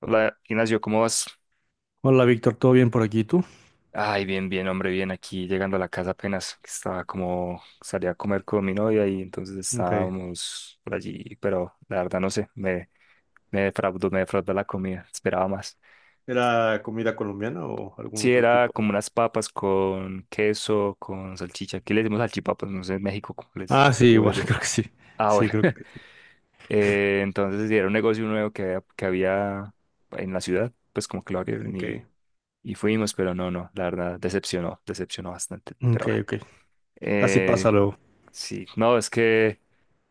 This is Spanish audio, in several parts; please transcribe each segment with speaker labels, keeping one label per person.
Speaker 1: Hola, Ignacio, ¿cómo vas?
Speaker 2: Hola Víctor, ¿todo bien por aquí? ¿Tú?
Speaker 1: Ay, bien, bien, hombre, bien. Aquí llegando a la casa apenas, que estaba como, salí a comer con mi novia y entonces
Speaker 2: Ok.
Speaker 1: estábamos por allí, pero la verdad no sé, me defraudó la comida, esperaba más.
Speaker 2: ¿Era comida colombiana o algún
Speaker 1: Sí,
Speaker 2: otro
Speaker 1: era
Speaker 2: tipo de?
Speaker 1: como unas papas con queso, con salchicha. Aquí le decimos salchipapas, no sé en México
Speaker 2: Ah, sí,
Speaker 1: cómo les
Speaker 2: igual,
Speaker 1: diré.
Speaker 2: creo que sí.
Speaker 1: Ah,
Speaker 2: Sí,
Speaker 1: bueno.
Speaker 2: creo que sí.
Speaker 1: Entonces sí, era un negocio nuevo que había en la ciudad, pues como que lo abrieron y
Speaker 2: Ok.
Speaker 1: Y fuimos, pero no, no, la verdad, decepcionó, decepcionó bastante. Pero
Speaker 2: Ok,
Speaker 1: bueno,
Speaker 2: ok. Así pasa
Speaker 1: eh,
Speaker 2: luego.
Speaker 1: sí, no, es que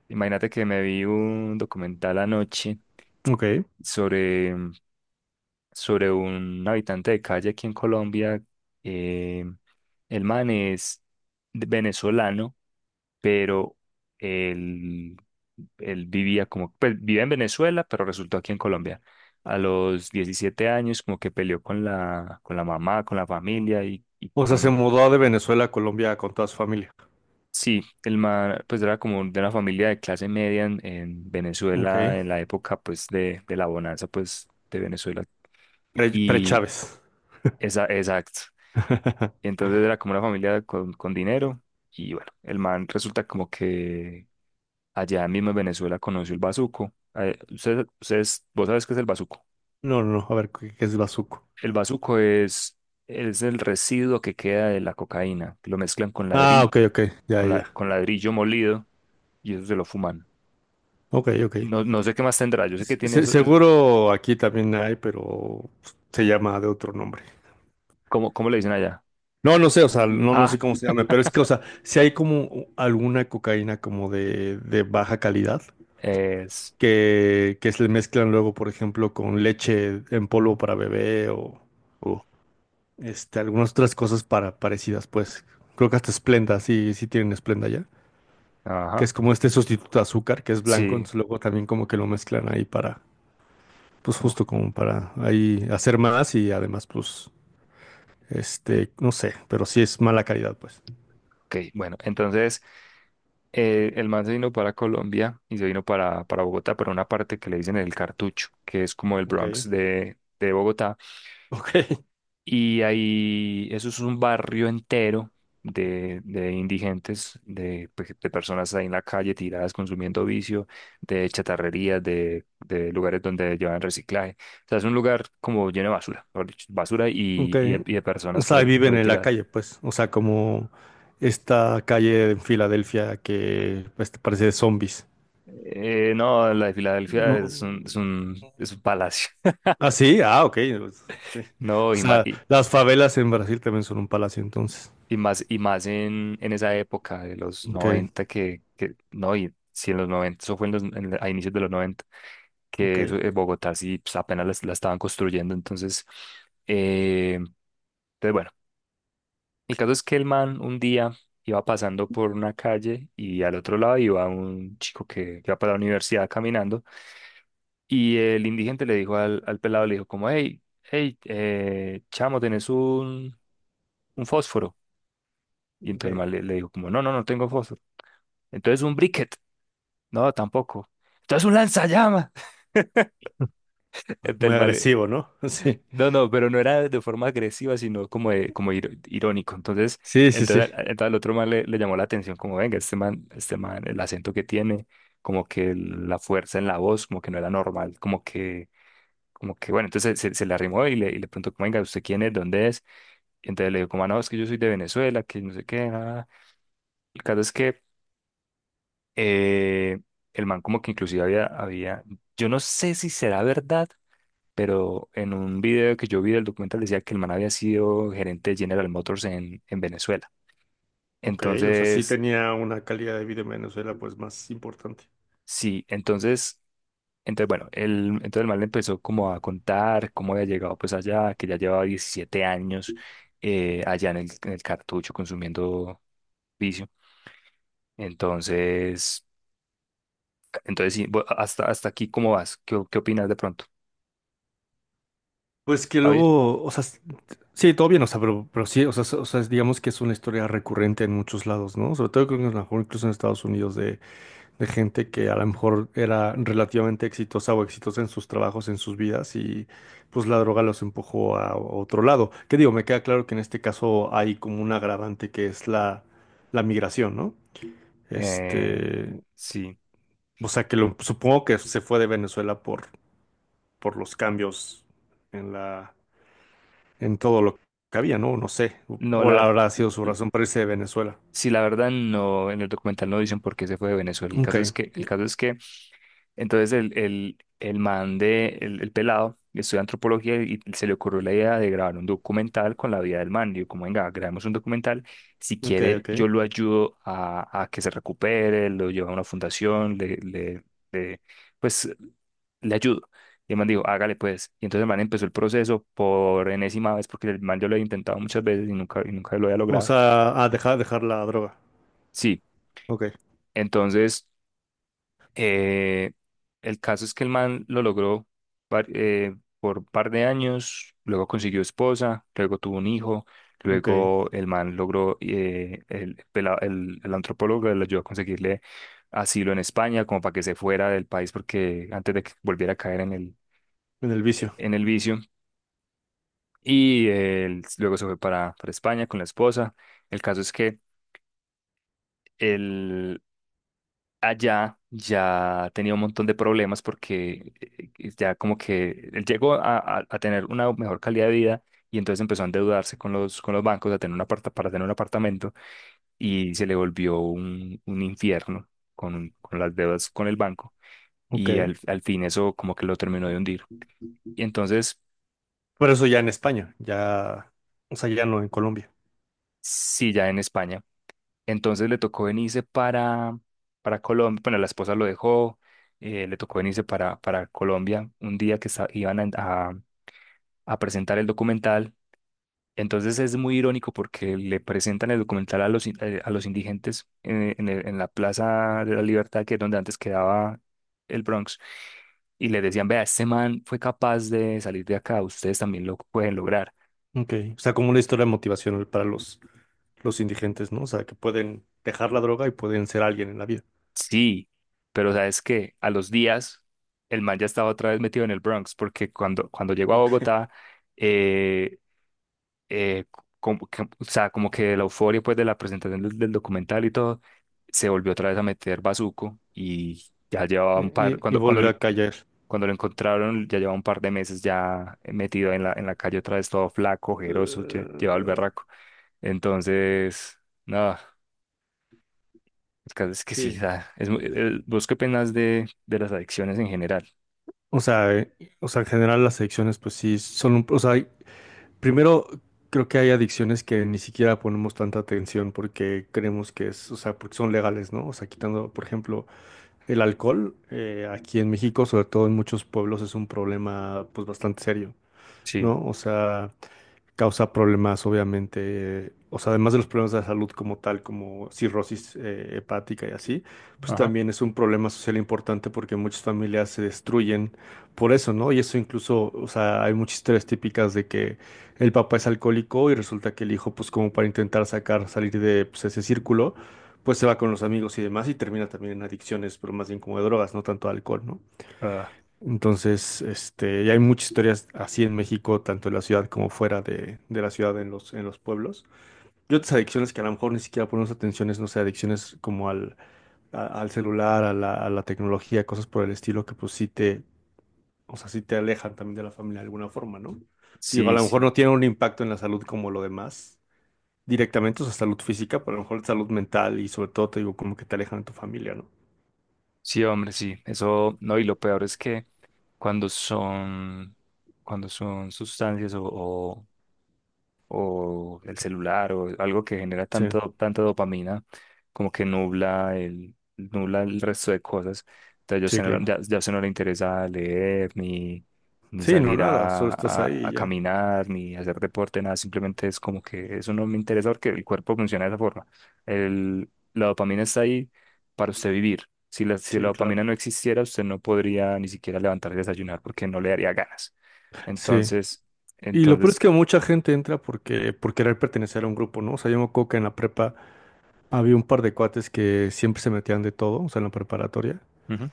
Speaker 1: imagínate que me vi un documental anoche
Speaker 2: Ok.
Speaker 1: sobre, sobre un habitante de calle aquí en Colombia. eh, el man es venezolano, pero él, él vivía como, pues vive en Venezuela, pero resultó aquí en Colombia. A los 17 años como que peleó con la mamá, con la familia y
Speaker 2: O sea, se
Speaker 1: con
Speaker 2: mudó de Venezuela a Colombia con toda su familia.
Speaker 1: sí, el man pues era como de una familia de clase media en
Speaker 2: Ok.
Speaker 1: Venezuela en la época pues de la bonanza pues de Venezuela
Speaker 2: Pre,
Speaker 1: y
Speaker 2: pre-Chávez.
Speaker 1: exacto. Y entonces era como una familia con dinero y bueno, el man resulta como que allá mismo en Venezuela conoció el bazuco. Ustedes- vos sabes qué es el bazuco.
Speaker 2: No, no, no. A ver, ¿qué es bazuco?
Speaker 1: El bazuco es el residuo que queda de la cocaína, lo mezclan con
Speaker 2: Ah,
Speaker 1: ladrillo,
Speaker 2: ok, ok. Ya, ya.
Speaker 1: con la,
Speaker 2: Ya.
Speaker 1: con ladrillo molido y eso se lo fuman.
Speaker 2: Ok, ok.
Speaker 1: No, no sé qué más tendrá. Yo sé que
Speaker 2: Se-
Speaker 1: tiene
Speaker 2: se-
Speaker 1: eso. Es-
Speaker 2: seguro aquí también hay, pero se llama de otro nombre.
Speaker 1: ¿cómo, cómo le dicen allá?
Speaker 2: No, no sé, o sea, no, no
Speaker 1: Ah,
Speaker 2: sé cómo se llama, pero es que, o sea, si hay como alguna cocaína como de baja calidad
Speaker 1: es.
Speaker 2: que se le mezclan luego, por ejemplo, con leche en polvo para bebé o
Speaker 1: Uh,
Speaker 2: algunas otras cosas para, parecidas, pues creo que hasta Splenda, sí, sí tienen Splenda ya, que es
Speaker 1: ajá.
Speaker 2: como este sustituto de azúcar, que es blanco,
Speaker 1: Sí.
Speaker 2: entonces luego también como que lo mezclan ahí para, pues
Speaker 1: Uh,
Speaker 2: justo como para ahí hacer más y además, pues, no sé, pero sí es mala calidad, pues.
Speaker 1: ok. Bueno, entonces el man se vino para Colombia y se vino para Bogotá, para una parte que le dicen el Cartucho, que es como el
Speaker 2: Ok,
Speaker 1: Bronx de Bogotá.
Speaker 2: ok.
Speaker 1: Y ahí, eso es un barrio entero de indigentes, de, pe- de personas ahí en la calle tiradas consumiendo vicio, de chatarrerías, de lugares donde llevan reciclaje. O sea, es un lugar como lleno de basura, mejor dicho, basura
Speaker 2: Ok.
Speaker 1: y de
Speaker 2: O
Speaker 1: personas
Speaker 2: sea,
Speaker 1: por
Speaker 2: viven
Speaker 1: ahí
Speaker 2: en la
Speaker 1: tiradas.
Speaker 2: calle, pues. O sea, como esta calle en Filadelfia que pues, te parece de zombies.
Speaker 1: No, la de Filadelfia
Speaker 2: No.
Speaker 1: es un, es un, es un palacio,
Speaker 2: Ah, sí, ah, ok. Pues, ok.
Speaker 1: ¿no?
Speaker 2: O sea, las favelas en Brasil también son un palacio, entonces.
Speaker 1: Y más en esa época de los
Speaker 2: Ok,
Speaker 1: 90 que no, y si en los 90 eso fue en los, en- a inicios de los 90
Speaker 2: ok,
Speaker 1: que eso, Bogotá sí pues, apenas la, la estaban construyendo, entonces, eh, entonces, bueno, el caso es que el man un día iba pasando por una calle y al otro lado iba un chico que iba para la universidad caminando y el indigente le dijo al, al pelado, le dijo como, hey, hey, chamo, ¿tenés un fósforo? Y entonces el
Speaker 2: ok.
Speaker 1: man le, le dijo como, no, no, no tengo fósforo. Entonces un briquet, no, tampoco. Entonces un lanzallamas. Entonces
Speaker 2: Muy
Speaker 1: el man le-
Speaker 2: agresivo, ¿no? Sí.
Speaker 1: No, no, pero no era de forma agresiva, sino como, de- como ir- irónico. Entonces,
Speaker 2: Sí, sí, sí.
Speaker 1: entonces, a- entonces al otro man le, le llamó la atención, como, venga, este man, el acento que tiene, como que el- la fuerza en la voz, como que no era normal, como que, bueno, entonces se le arrimó y le preguntó, como, venga, ¿usted quién es? ¿Dónde es? Y entonces le dijo, como, "Ah, no, es que yo soy de Venezuela, que no sé qué, nada. El caso es que eh, el man como que inclusive había, había, yo no sé si será verdad, pero en un video que yo vi del documental decía que el man había sido gerente de General Motors en Venezuela.
Speaker 2: Ok, o sea, sí
Speaker 1: Entonces,
Speaker 2: tenía una calidad de vida en Venezuela, pues, más importante.
Speaker 1: sí, entonces, entonces bueno, el, entonces el man le empezó como a contar cómo había llegado pues allá, que ya llevaba 17 allá en el cartucho consumiendo vicio. Entonces, entonces sí, bu- hasta, hasta aquí, ¿cómo vas? ¿Qué, qué opinas de pronto?
Speaker 2: Pues que
Speaker 1: ¿Está bien?
Speaker 2: luego, o sea, sí, todo bien, o sea, pero sí, o sea, so, o sea, digamos que es una historia recurrente en muchos lados, ¿no? Sobre todo creo que a lo mejor incluso en Estados Unidos de gente que a lo mejor era relativamente exitosa o exitosa en sus trabajos, en sus vidas, y pues la droga los empujó a otro lado. Que digo, me queda claro que en este caso hay como un agravante que es la migración, ¿no?
Speaker 1: Eh,
Speaker 2: Este,
Speaker 1: sí,
Speaker 2: o sea, que lo, supongo que se fue de Venezuela por los cambios en todo lo que había, ¿no? No sé,
Speaker 1: no,
Speaker 2: cuál
Speaker 1: la...
Speaker 2: habrá sido su razón para irse de Venezuela.
Speaker 1: Sí, la verdad no, en el documental no dicen por qué se fue de Venezuela. El
Speaker 2: Ok,
Speaker 1: caso es que, el caso es que entonces el man de, el pelado, estudia antropología y se le ocurrió la idea de grabar un documental con la vida del man. Digo, como venga, grabemos un documental. Si
Speaker 2: ok,
Speaker 1: quiere,
Speaker 2: ok.
Speaker 1: yo lo ayudo a que se recupere, lo llevo a una fundación, le- pues le ayudo. Y el man dijo, hágale pues. Y entonces el man empezó el proceso por enésima vez, porque el man yo lo había intentado muchas veces y nunca lo había
Speaker 2: O
Speaker 1: logrado.
Speaker 2: sea, a dejar la droga.
Speaker 1: Sí,
Speaker 2: Ok,
Speaker 1: entonces. Eh, el caso es que el man lo logró par- eh, por un par de años, luego consiguió esposa, luego tuvo un hijo,
Speaker 2: ok.
Speaker 1: luego el man logró, el, pela- el antropólogo le ayudó a conseguirle asilo en España, como para que se fuera del país, porque antes de que volviera a caer
Speaker 2: En el vicio.
Speaker 1: en el vicio. Y él luego se fue para España con la esposa. El caso es que allá ya tenía un montón de problemas porque ya como que él llegó a tener una mejor calidad de vida y entonces empezó a endeudarse con los bancos a tener un aparta- para tener un apartamento y se le volvió un infierno con las deudas con el banco
Speaker 2: Ok.
Speaker 1: y al, al fin eso como que lo terminó de hundir. Y entonces,
Speaker 2: Pero eso ya en España, ya, o sea, ya no en Colombia.
Speaker 1: sí, ya en España. Entonces le tocó venirse para Colombia, bueno, la esposa lo dejó le tocó venirse para Colombia un día que sa- iban a presentar el documental. Entonces es muy irónico porque le presentan el documental a los, in- a los indigentes en el- en la Plaza de la Libertad, que es donde antes quedaba el Bronx, y les decían, vea, este man fue capaz de salir de acá, ustedes también lo pueden lograr.
Speaker 2: Ok. O sea, como una historia motivacional para los indigentes, ¿no? O sea, que pueden dejar la droga y pueden ser alguien en la vida.
Speaker 1: Sí, pero sabes que a los días el man ya estaba otra vez metido en el Bronx, porque cuando, cuando llegó a
Speaker 2: Ok.
Speaker 1: Bogotá, eh, eh, como que- o sea, como que de la euforia pues de la presentación del, del documental y todo, se volvió otra vez a meter Bazuco y ya llevaba
Speaker 2: Y,
Speaker 1: un par,
Speaker 2: y- y
Speaker 1: cuando,
Speaker 2: volvió a caer.
Speaker 1: cuando lo encontraron ya llevaba un par de meses ya metido en la calle otra vez todo flaco, ojeroso, lle- llevaba el
Speaker 2: Eh,
Speaker 1: berraco. Entonces, nada, el caso es que sí,
Speaker 2: sí.
Speaker 1: da, es, muy- el- ¿vos qué penas de las adicciones en general?
Speaker 2: O sea, eh, o sea, en general las adicciones, pues sí, son un, o sea, primero, creo que hay adicciones que ni siquiera ponemos tanta atención porque creemos que es, o sea, porque son legales, ¿no? O sea, quitando, por ejemplo, el alcohol, aquí en México, sobre todo en muchos pueblos, es un problema, pues, bastante serio,
Speaker 1: Sí,
Speaker 2: ¿no? O sea, causa problemas, obviamente, o sea, además de los problemas de la salud como tal, como cirrosis hepática y así, pues
Speaker 1: ajá,
Speaker 2: también es un problema social importante porque muchas familias se destruyen por eso, ¿no? Y eso incluso, o sea, hay muchas historias típicas de que el papá es alcohólico y resulta que el hijo, pues como para intentar sacar, salir de pues, ese círculo, pues se va con los amigos y demás y termina también en adicciones, pero más bien como de drogas, no tanto alcohol, ¿no?
Speaker 1: ah,
Speaker 2: Entonces, y hay muchas historias así en México, tanto en la ciudad como fuera de la ciudad, en los pueblos. Y otras adicciones que a lo mejor ni siquiera ponemos atención, es, no sé, adicciones como al celular, a la tecnología, cosas por el estilo que pues sí te, o sea, sí te alejan también de la familia de alguna forma, ¿no? Sí, a
Speaker 1: sí,
Speaker 2: lo mejor
Speaker 1: sí.
Speaker 2: no tiene un impacto en la salud como lo demás, directamente, o sea, salud física, pero a lo mejor salud mental y sobre todo te digo como que te alejan de tu familia, ¿no?
Speaker 1: Sí, hombre, sí. Eso, no, y lo peor es que cuando son, cuando son sustancias o el celular o algo que genera
Speaker 2: Sí,
Speaker 1: tanto, tanta dopamina como que nubla el resto de cosas. Entonces yo
Speaker 2: sí,
Speaker 1: se no-
Speaker 2: claro.
Speaker 1: ya, ya se no le interesa leer ni, ni
Speaker 2: Sí, no,
Speaker 1: salir
Speaker 2: nada, solo estás ahí y
Speaker 1: a
Speaker 2: ya.
Speaker 1: caminar ni hacer deporte, nada, simplemente es como que eso no me interesa porque el cuerpo funciona de esa forma. El, la dopamina está ahí para usted vivir. Si la, si la
Speaker 2: Sí, claro.
Speaker 1: dopamina no existiera, usted no podría ni siquiera levantar y desayunar porque no le daría ganas.
Speaker 2: Sí.
Speaker 1: Entonces,
Speaker 2: Y lo peor es
Speaker 1: entonces,
Speaker 2: que mucha gente entra porque, por querer pertenecer a un grupo, ¿no? O sea, yo me acuerdo que en la prepa había un par de cuates que siempre se metían de todo, o sea, en la preparatoria.
Speaker 1: ujú.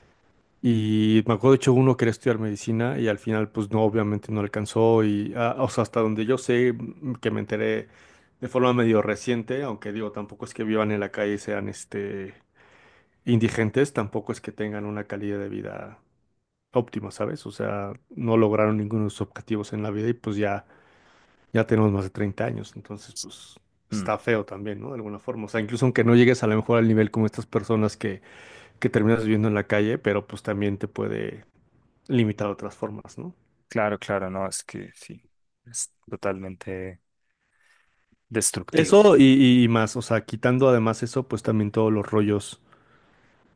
Speaker 2: Y me acuerdo, de hecho, uno quería estudiar medicina y al final, pues no, obviamente no alcanzó. Y, ah, o sea, hasta donde yo sé, que me enteré de forma medio reciente, aunque digo, tampoco es que vivan en la calle y sean, indigentes, tampoco es que tengan una calidad de vida óptima, ¿sabes? O sea, no lograron ninguno de sus objetivos en la vida y pues ya tenemos más de 30 años, entonces pues está feo también, ¿no? De alguna forma. O sea, incluso aunque no llegues a lo mejor al nivel como estas personas que terminas viviendo en la calle, pero pues también te puede limitar de otras formas, ¿no?
Speaker 1: Claro, claro, no, es que sí, es totalmente destructivo.
Speaker 2: Eso y más, o sea, quitando además eso, pues también todos los rollos,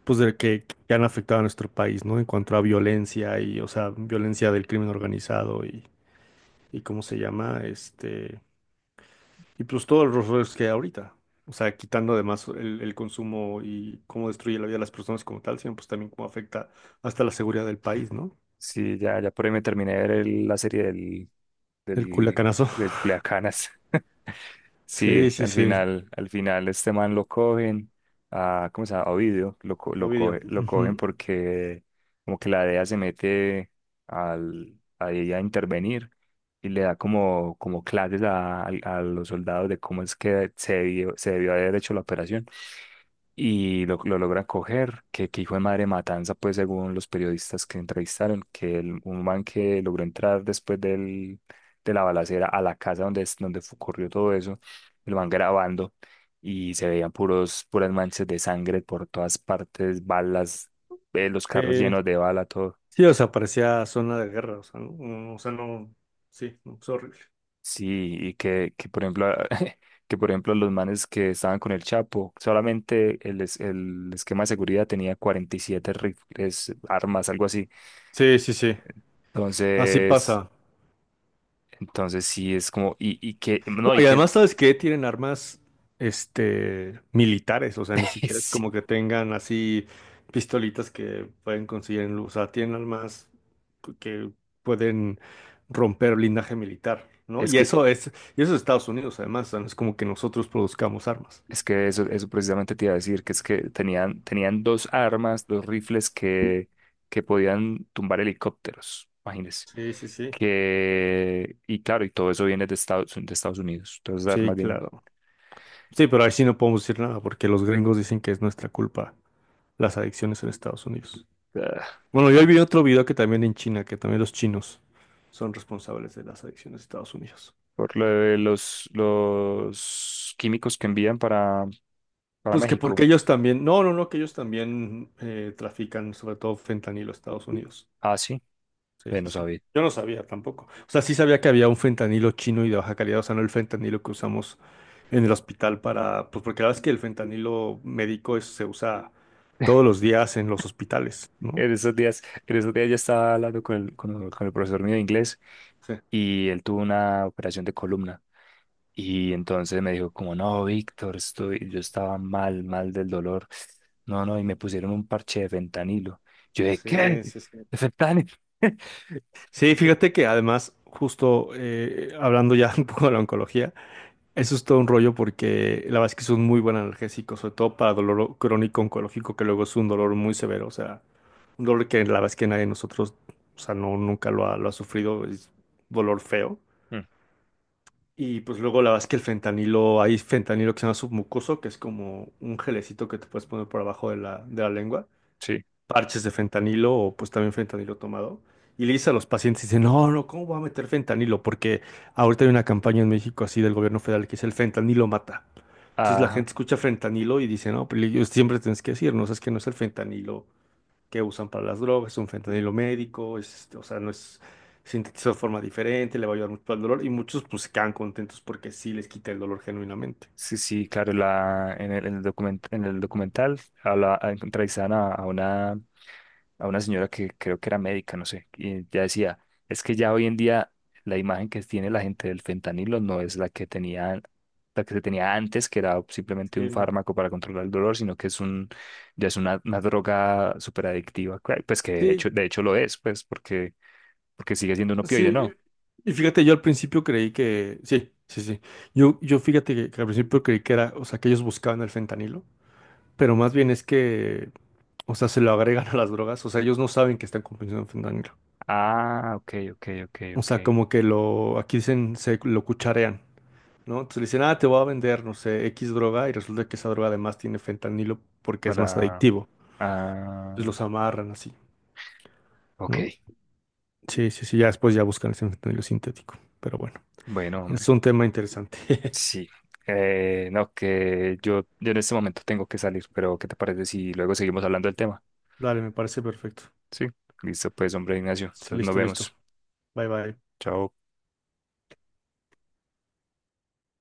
Speaker 2: pues de que han afectado a nuestro país, ¿no? En cuanto a violencia y, o sea, violencia del crimen organizado y ¿cómo se llama? Y pues todos los errores que hay ahorita. O sea, quitando además el consumo y cómo destruye la vida de las personas como tal, sino pues también cómo afecta hasta la seguridad del país, ¿no?
Speaker 1: Sí, ya, ya por ahí me terminé de ver el- la serie del,
Speaker 2: El
Speaker 1: del,
Speaker 2: culacanazo.
Speaker 1: del Culiacanas. Sí,
Speaker 2: Sí, sí, sí.
Speaker 1: al final este man lo cogen, a, ¿cómo se llama? A Ovidio, lo, co- lo,
Speaker 2: Ovidio.
Speaker 1: coge- lo cogen
Speaker 2: Ujú.
Speaker 1: porque como que la DEA se mete al, a ella a intervenir y le da como, como clases a los soldados de cómo es que se debió haber hecho la operación. Y lo logra coger, que hijo de madre matanza, pues según los periodistas que entrevistaron, que el, un man que logró entrar después del, de la balacera a la casa donde, es- donde fu- ocurrió todo eso, lo van grabando y se veían puros, puras manchas de sangre por todas partes, balas, los carros
Speaker 2: Eh,
Speaker 1: llenos de bala, todo.
Speaker 2: sí, o sea, parecía zona de guerra. O sea, no, o sea, no. Sí, no, es horrible.
Speaker 1: Sí, y que por ejemplo, que por ejemplo los manes que estaban con el Chapo, solamente el, es- el esquema de seguridad tenía 47 rifles, armas, algo así.
Speaker 2: Sí, sí, sí. Así
Speaker 1: Entonces,
Speaker 2: pasa.
Speaker 1: entonces sí es como, y que,
Speaker 2: No,
Speaker 1: no, y
Speaker 2: y
Speaker 1: que,
Speaker 2: además, ¿sabes qué? Tienen armas, militares, o sea, ni siquiera es
Speaker 1: sí,
Speaker 2: como que tengan así pistolitas que pueden conseguir en luz, o sea, tienen armas que pueden romper blindaje militar, ¿no?
Speaker 1: es
Speaker 2: Y
Speaker 1: que,
Speaker 2: eso es, y eso es Estados Unidos, además, o sea, no es como que nosotros produzcamos armas.
Speaker 1: es que eso precisamente te iba a decir, que es que tenían, tenían dos armas, dos rifles que podían tumbar helicópteros, imagínense.
Speaker 2: Sí, sí, sí.
Speaker 1: Que, y claro, y todo eso viene de Estados Unidos, todas esas armas
Speaker 2: Sí,
Speaker 1: vienen.
Speaker 2: claro. Sí, pero ahí sí no podemos decir nada porque los gringos dicen que es nuestra culpa las adicciones en Estados Unidos.
Speaker 1: Ah,
Speaker 2: Bueno, yo
Speaker 1: ah,
Speaker 2: vi otro video que también en China, que también los chinos son responsables de las adicciones de Estados Unidos.
Speaker 1: por lo de los químicos que envían para
Speaker 2: Pues que porque
Speaker 1: México.
Speaker 2: ellos también, no, no, no, que ellos también trafican sobre todo fentanilo a Estados Unidos.
Speaker 1: Ah, sí,
Speaker 2: Sí,
Speaker 1: ve, no
Speaker 2: sí, sí.
Speaker 1: sabía.
Speaker 2: Yo no sabía tampoco. O sea, sí sabía que había un fentanilo chino y de baja calidad, o sea, no el fentanilo que usamos en el hospital para, pues porque la verdad es que el fentanilo médico se usa todos los días en los hospitales, ¿no?
Speaker 1: En esos días yo estaba hablando con el, con, el- con el profesor mío de inglés
Speaker 2: Sí,
Speaker 1: y él tuvo una operación de columna. Y entonces me dijo como, no, Víctor, estoy, yo estaba mal, mal del dolor. No, no, y me pusieron un parche de fentanilo. Yo dije, ¿qué?
Speaker 2: sí, sí. Sí.
Speaker 1: ¿De fentanilo?
Speaker 2: Sí, fíjate que además, justo hablando ya un poco de la oncología, eso es todo un rollo porque la verdad es que es un muy buen analgésico, sobre todo para dolor crónico oncológico, que luego es un dolor muy severo, o sea, un dolor que la verdad es que nadie de nosotros, o sea, no, nunca lo ha sufrido, es dolor feo.
Speaker 1: Mm,
Speaker 2: Y pues luego la verdad es que el fentanilo, hay fentanilo que se llama submucoso, que es como un gelecito que te puedes poner por abajo de la, lengua
Speaker 1: sí,
Speaker 2: parches de fentanilo o pues también fentanilo tomado. Y le dice a los pacientes, dice, no, no, ¿cómo voy a meter fentanilo? Porque ahorita hay una campaña en México así del gobierno federal que es el fentanilo mata. Entonces la
Speaker 1: ajá.
Speaker 2: gente escucha fentanilo y dice, no, pero ellos siempre tienes que decir, no, es que no es el fentanilo que usan para las drogas, es un fentanilo médico, es, o sea, no es sintetizado de forma diferente, le va a ayudar mucho al dolor. Y muchos pues quedan contentos porque sí les quita el dolor genuinamente.
Speaker 1: Sí, sí, claro, la, en el document- en el documental habla, entrevistan a una señora que creo que era médica, no sé, y ya decía, es que ya hoy en día la imagen que tiene la gente del fentanilo no es la que tenía, la que se tenía antes, que era simplemente
Speaker 2: Sí,
Speaker 1: un
Speaker 2: no.
Speaker 1: fármaco para controlar el dolor, sino que es un, ya es una droga súper adictiva, cua- pues que
Speaker 2: Sí.
Speaker 1: de hecho lo es, pues porque, porque sigue siendo un opioide,
Speaker 2: Sí,
Speaker 1: ¿no?
Speaker 2: y fíjate, yo al principio creí que, sí, sí, sí, yo fíjate que al principio creí que era, o sea, que ellos buscaban el fentanilo, pero más bien es que, o sea, se lo agregan a las drogas, o sea, ellos no saben que están consumiendo fentanilo,
Speaker 1: Ah, ok, ok, ok,
Speaker 2: o
Speaker 1: ok.
Speaker 2: sea, como que lo, aquí dicen, se lo cucharean, ¿no? Entonces le dicen, ah, te voy a vender, no sé, X droga, y resulta que esa droga además tiene fentanilo porque es más
Speaker 1: Para,
Speaker 2: adictivo, entonces
Speaker 1: ah,
Speaker 2: los amarran así, ¿no?
Speaker 1: ok.
Speaker 2: Sí, sí, sí, ya después ya buscan ese fentanilo sintético, pero bueno,
Speaker 1: Bueno, hombre.
Speaker 2: es un tema interesante.
Speaker 1: Sí, no, que yo en este momento tengo que salir, pero ¿qué te parece si luego seguimos hablando del tema?
Speaker 2: Dale, me parece perfecto.
Speaker 1: Sí, listo, pues, hombre Ignacio, entonces nos
Speaker 2: Listo, listo.
Speaker 1: vemos.
Speaker 2: Bye, bye.
Speaker 1: Chao.